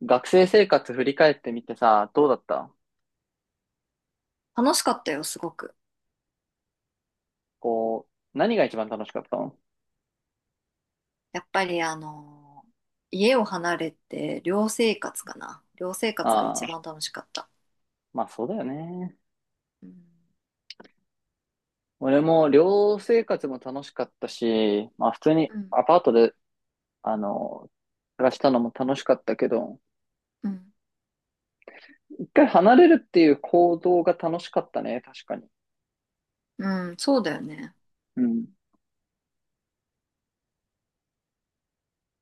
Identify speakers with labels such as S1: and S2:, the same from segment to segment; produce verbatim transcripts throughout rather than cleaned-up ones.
S1: 学生生活振り返ってみてさ、どうだった？
S2: 楽しかったよ、すごく。
S1: こう、何が一番楽しかったの？
S2: やっぱりあのー家を離れて寮生活かな。寮生活が
S1: ああ
S2: 一
S1: ー、
S2: 番楽しかった。
S1: まあそうだよね。
S2: うん、
S1: 俺も寮生活も楽しかったし、まあ普通に
S2: うん、
S1: アパートで、あの、暮らしたのも楽しかったけど、
S2: うん、
S1: 一回離れるっていう行動が楽しかったね、確かに。
S2: うん、そうだよね。
S1: うん。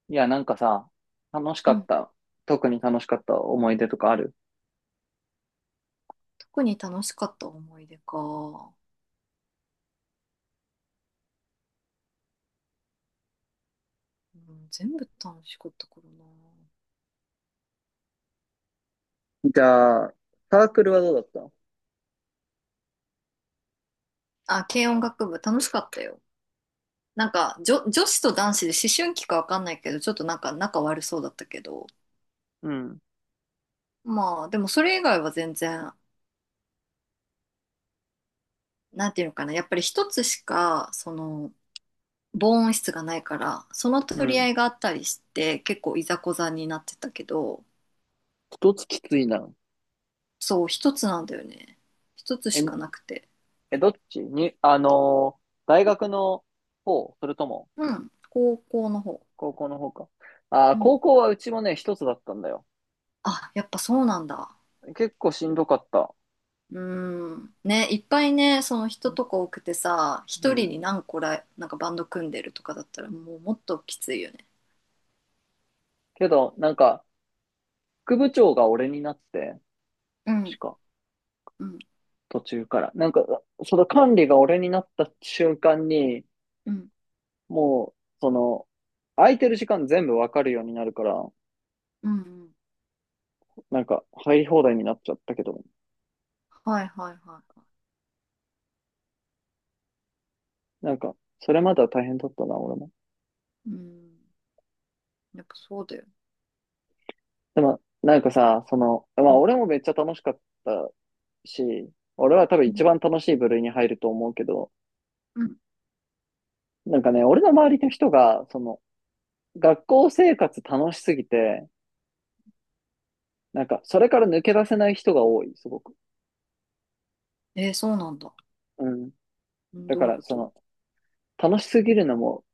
S1: いや、なんかさ、楽し
S2: う
S1: かっ
S2: ん。
S1: た。特に楽しかった思い出とかある？
S2: 特に楽しかった思い出か。うん、全部楽しかったからな。
S1: じゃあ、サークルはどうだった？
S2: あ、軽音楽部楽しかったよ。なんか、女、女子と男子で思春期かわかんないけど、ちょっとなんか仲悪そうだったけど。
S1: うん。
S2: まあ、でもそれ以外は全然、なんていうのかな。やっぱり一つしか、その、防音室がないからその
S1: う
S2: 取り合
S1: ん。
S2: いがあったりして結構いざこざになってたけど、
S1: 一つきついな。
S2: そう一つなんだよね。一つ
S1: え、
S2: しかなくて。
S1: え、どっちに、あのー大学の方、それとも、
S2: うん、高校の方。
S1: 高校の方か。あ
S2: う
S1: ー、
S2: ん、
S1: 高校はうちもね、一つだったんだよ。
S2: あやっぱそうなんだ。
S1: 結構しんどかった。
S2: うんね、いっぱいね、その人とか多くてさ、
S1: う
S2: 一人
S1: ん。
S2: に何個ら、なんかバンド組んでるとかだったらもうもっときついよね。
S1: けど、なんか、副部長が俺になって、
S2: う
S1: し
S2: ん、
S1: か、
S2: うん、
S1: 途中から。なんか、その管理が俺になった瞬間に、
S2: うん、
S1: もう、その、空いてる時間全部わかるようになるから、
S2: うん、うん、
S1: なんか、入り放題になっちゃったけど、
S2: はいはいはいは
S1: なんか、それまでは大変だったな、俺も。
S2: い。うん、やっぱそうだよね。
S1: でも、なんかさ、その、ま
S2: う
S1: あ
S2: ん、
S1: 俺もめっちゃ楽しかったし、俺は多分
S2: う
S1: 一
S2: ん、
S1: 番楽しい部類に入ると思うけど、
S2: うん、
S1: なんかね、俺の周りの人が、その、学校生活楽しすぎて、なんか、それから抜け出せない人が多い、すごく。
S2: えーそうなんだ。
S1: うん。
S2: うん、
S1: だ
S2: ど
S1: か
S2: ういう
S1: ら、
S2: こ
S1: そ
S2: と。
S1: の、楽しすぎるのも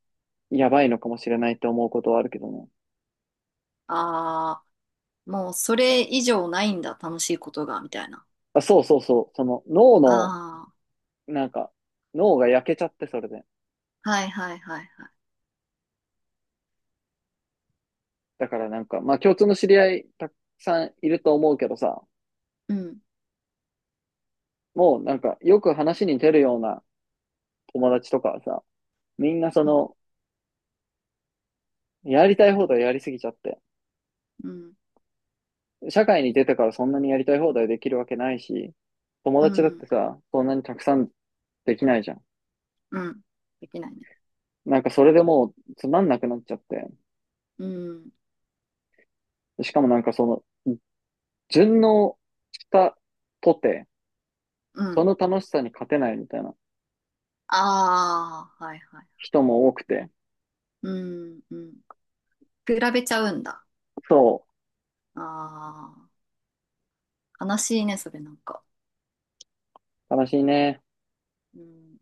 S1: やばいのかもしれないって思うことはあるけどね。
S2: ああ、もうそれ以上ないんだ、楽しいことが、みたいな。
S1: あ、そうそうそう、その、脳の、
S2: あ
S1: なんか、脳が焼けちゃって、それで。
S2: あ、はいはいはいはい。
S1: だからなんか、まあ共通の知り合いたくさんいると思うけどさ、
S2: うん、
S1: もうなんかよく話に出るような友達とかはさ、みんなそ
S2: うん、
S1: の、やりたい放題やりすぎちゃって。
S2: うん、
S1: 社会に出てからそんなにやりたい放題できるわけないし、友
S2: う
S1: 達だって
S2: ん、
S1: さ、そんなにたくさんできないじゃん。
S2: うん。できないね。
S1: なんかそれでもうつまんなくなっちゃって。
S2: うん、
S1: しかもなんかその、順応したとて、
S2: う
S1: そ
S2: ん。
S1: の楽しさに勝てないみたいな
S2: ああ、はいはい。
S1: 人も多くて。
S2: うん、うん。比べちゃうんだ。
S1: そ
S2: ああ、悲しいね、それなんか。
S1: う、悲しいね。
S2: うん。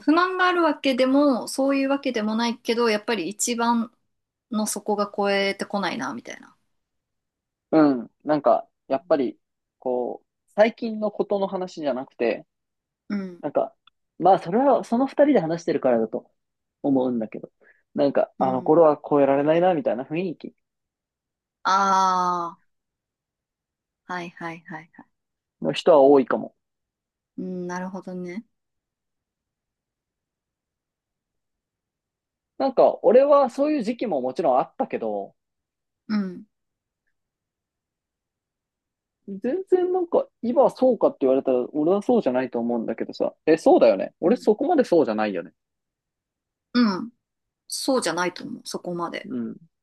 S2: 不満があるわけでも、そういうわけでもないけど、やっぱり一番の底が超えてこないな、みたいな。
S1: うん。なんか、やっぱり、こう、最近のことの話じゃなくて、
S2: うん、
S1: なんか、まあ、それは、その二人で話してるからだと思うんだけど、なんか、
S2: う
S1: あの
S2: ん。
S1: 頃は超えられないな、みたいな雰囲気
S2: あ、はいはいはいはい。
S1: の人は多いかも。
S2: うん、なるほどね。
S1: なんか、俺はそういう時期ももちろんあったけど、
S2: うん。
S1: 全然なんか、今はそうかって言われたら、俺はそうじゃないと思うんだけどさ、え、そうだよね。
S2: う
S1: 俺
S2: ん。
S1: そこまでそうじゃないよね。
S2: うん。そうじゃないと思う。そこまで。
S1: うん。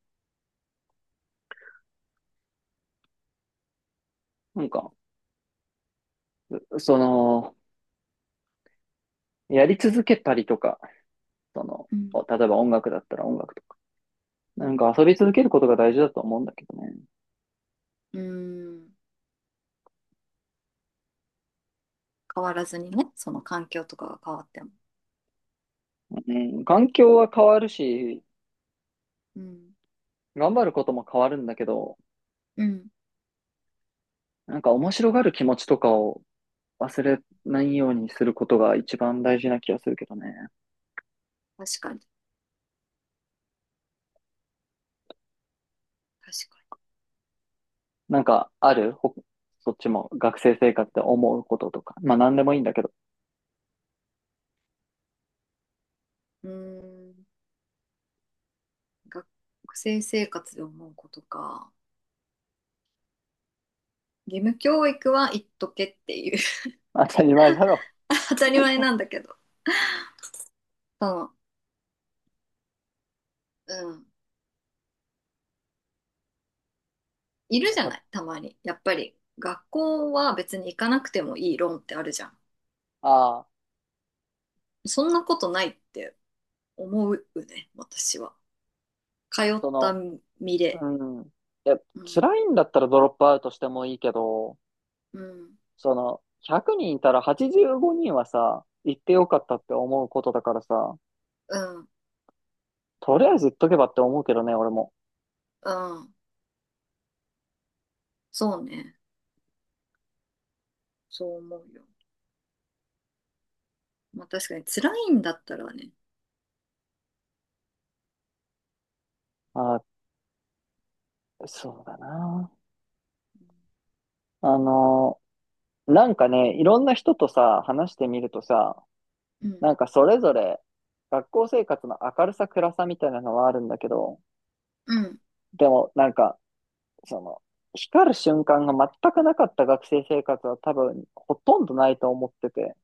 S1: なんか、その、やり続けたりとか、その、
S2: うん。
S1: 例えば音楽だったら音楽とか、
S2: う
S1: なん
S2: ん。
S1: か遊び続けることが大事だと思うんだけどね。
S2: うん。変わらずにね。その環境とかが変わっても。
S1: うん、環境は変わるし、
S2: うん。
S1: 頑張ることも変わるんだけど、
S2: うん。
S1: なんか面白がる気持ちとかを忘れないようにすることが一番大事な気がするけどね。
S2: 確かに。確か
S1: なんかあるほそっちも学生生活で思うこととか。まあ何でもいいんだけど。
S2: に。うん。学生生活で思うことか。義務教育は言っとけっていう。
S1: 当たり前だろ。
S2: 当たり前なんだけど。その、うん。いる
S1: やっ
S2: じゃ
S1: ぱ、
S2: ない。たまに。やっぱり。学校は別に行かなくてもいい論ってあるじゃん。
S1: ああ、
S2: そんなことないって思うね、私は。通っ
S1: そ
S2: た
S1: の、
S2: 身
S1: う
S2: で。
S1: ん。いや、
S2: うん、
S1: 辛いんだったらドロップアウトしてもいいけど、
S2: うん、
S1: その、ひゃくにんいたらはちじゅうごにんはさ、行ってよかったって思うことだからさ、
S2: うん、
S1: とりあえず言っとけばって思うけどね、俺も。
S2: うん。そうね。そう思うよ。まあ確かに辛いんだったらね。
S1: ああ、そうだな。
S2: う
S1: あのなんかね、いろんな人とさ、話してみるとさ、なん
S2: ん、
S1: かそれぞれ学校生活の明るさ暗さみたいなのはあるんだけど、
S2: うん、うん、
S1: でもなんか、その、光る瞬間が全くなかった学生生活は多分ほとんどないと思ってて、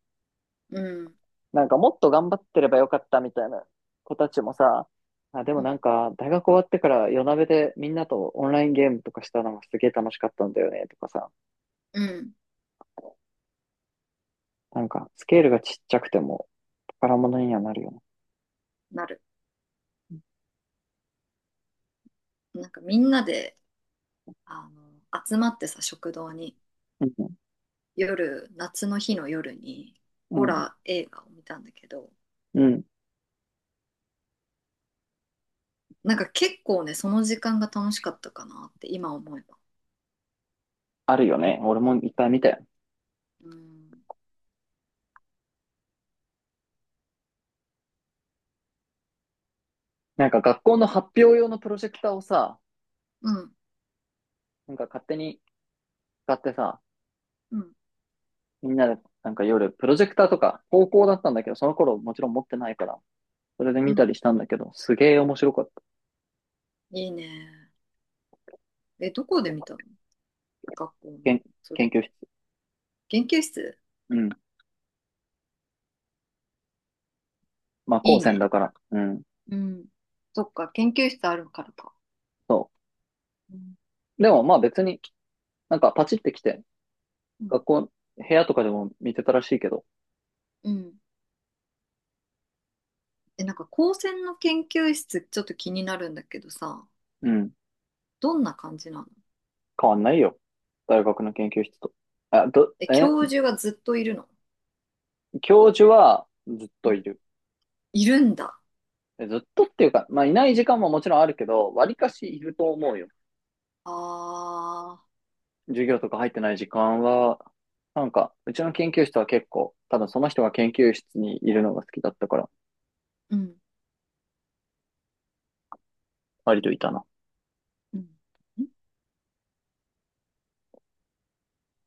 S2: うん、
S1: なんかもっと頑張ってればよかったみたいな子たちもさ、あ、でもなんか大学終わってから夜なべでみんなとオンラインゲームとかしたのがすげえ楽しかったんだよねとかさ、
S2: うん、
S1: なんかスケールがちっちゃくても宝
S2: うん、
S1: 物にはなるよね。
S2: なる。なんかみんなで、あの、集まってさ、食堂に、
S1: うん
S2: 夜、夏の日の夜に、
S1: う
S2: ホ
S1: ん、
S2: ラー映画を見たんだけど、
S1: うん。
S2: なんか結構ね、その時間が楽しかったかなって今思えば。
S1: あるよね。俺もいっぱい見たよ。
S2: うん、
S1: なんか学校の発表用のプロジェクターをさ、
S2: うん、
S1: なんか勝手に使ってさ、
S2: うん、
S1: みんなでなんか夜、プロジェクターとか、高校だったんだけど、その頃もちろん持ってないから、それで
S2: う
S1: 見た
S2: ん。
S1: りしたんだけど、すげえ面白かった。
S2: いいね。え、どこで見たの。学校の。
S1: けん
S2: そ
S1: 研
S2: れ。
S1: 究室。
S2: 研究室。
S1: うん。まあ、
S2: い
S1: 高
S2: い
S1: 専だ
S2: ね。
S1: から。うん。
S2: うん。そっか、研究室あるからか。
S1: そ
S2: うん。
S1: う。でもまあ別に、なんかパチってきて、
S2: うん。
S1: 学校、部屋とかでも見てたらしいけど、
S2: うん、え、なんか高専の研究室ちょっと気になるんだけどさ、
S1: うん。
S2: どんな感じなの。
S1: 変わんないよ。大学の研究室と。あ、ど、
S2: え、
S1: え、
S2: 教授がずっといるの。
S1: 教授はずっ
S2: う
S1: と
S2: ん、
S1: いる。
S2: いるんだ。
S1: ずっとっていうか、まあ、いない時間ももちろんあるけど、わりかしいると思うよ。
S2: ああ、
S1: 授業とか入ってない時間は、なんか、うちの研究室は結構、多分その人が研究室にいるのが好きだったから、
S2: うん、
S1: 割といたな。
S2: うん、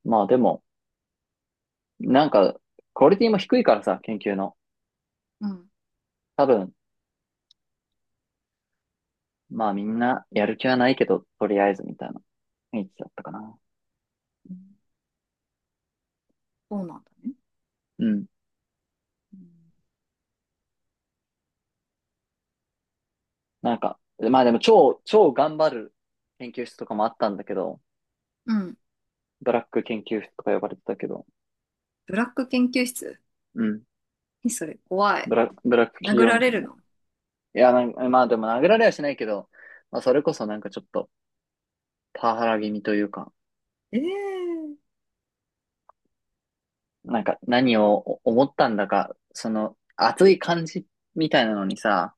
S1: まあでも、なんか、クオリティも低いからさ、研究の。
S2: うん、
S1: 多分、まあみんなやる気はないけど、とりあえずみたいな雰囲気だったかな。
S2: うん、そうなんだね。
S1: うん。
S2: うん、
S1: なんか、まあでも超、超頑張る研究室とかもあったんだけど、
S2: うん。
S1: ブラック研究室とか呼ばれてたけど、
S2: ブラック研究室。
S1: うん。
S2: え、それ怖
S1: ブ
S2: い。
S1: ラ、ブラック企
S2: 殴
S1: 業
S2: ら
S1: みた
S2: れ
S1: い
S2: る
S1: な。
S2: の。
S1: いや、なんか、まあでも殴られはしないけど、まあそれこそなんかちょっとパワハラ気味というか、
S2: ええー。
S1: なんか何を思ったんだか、その熱い感じみたいなのにさ、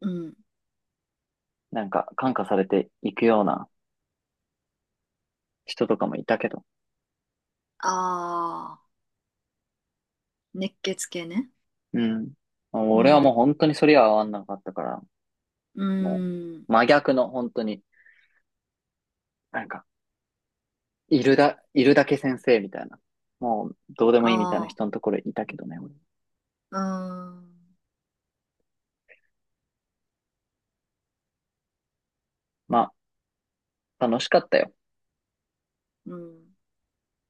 S2: うん。
S1: なんか感化されていくような人とかもいたけど、
S2: ああ、熱血系ね。
S1: うん。
S2: う
S1: 俺はもう
S2: ん。
S1: 本当にそれは合わんなかったから、
S2: う
S1: も
S2: ん。
S1: う真逆の本当に、なんか、いるだ、いるだけ先生みたいな、もうどうでもいいみたいな
S2: あ
S1: 人のところにいたけどね、俺、
S2: あ、うん。
S1: まあ楽しかったよ。
S2: うん。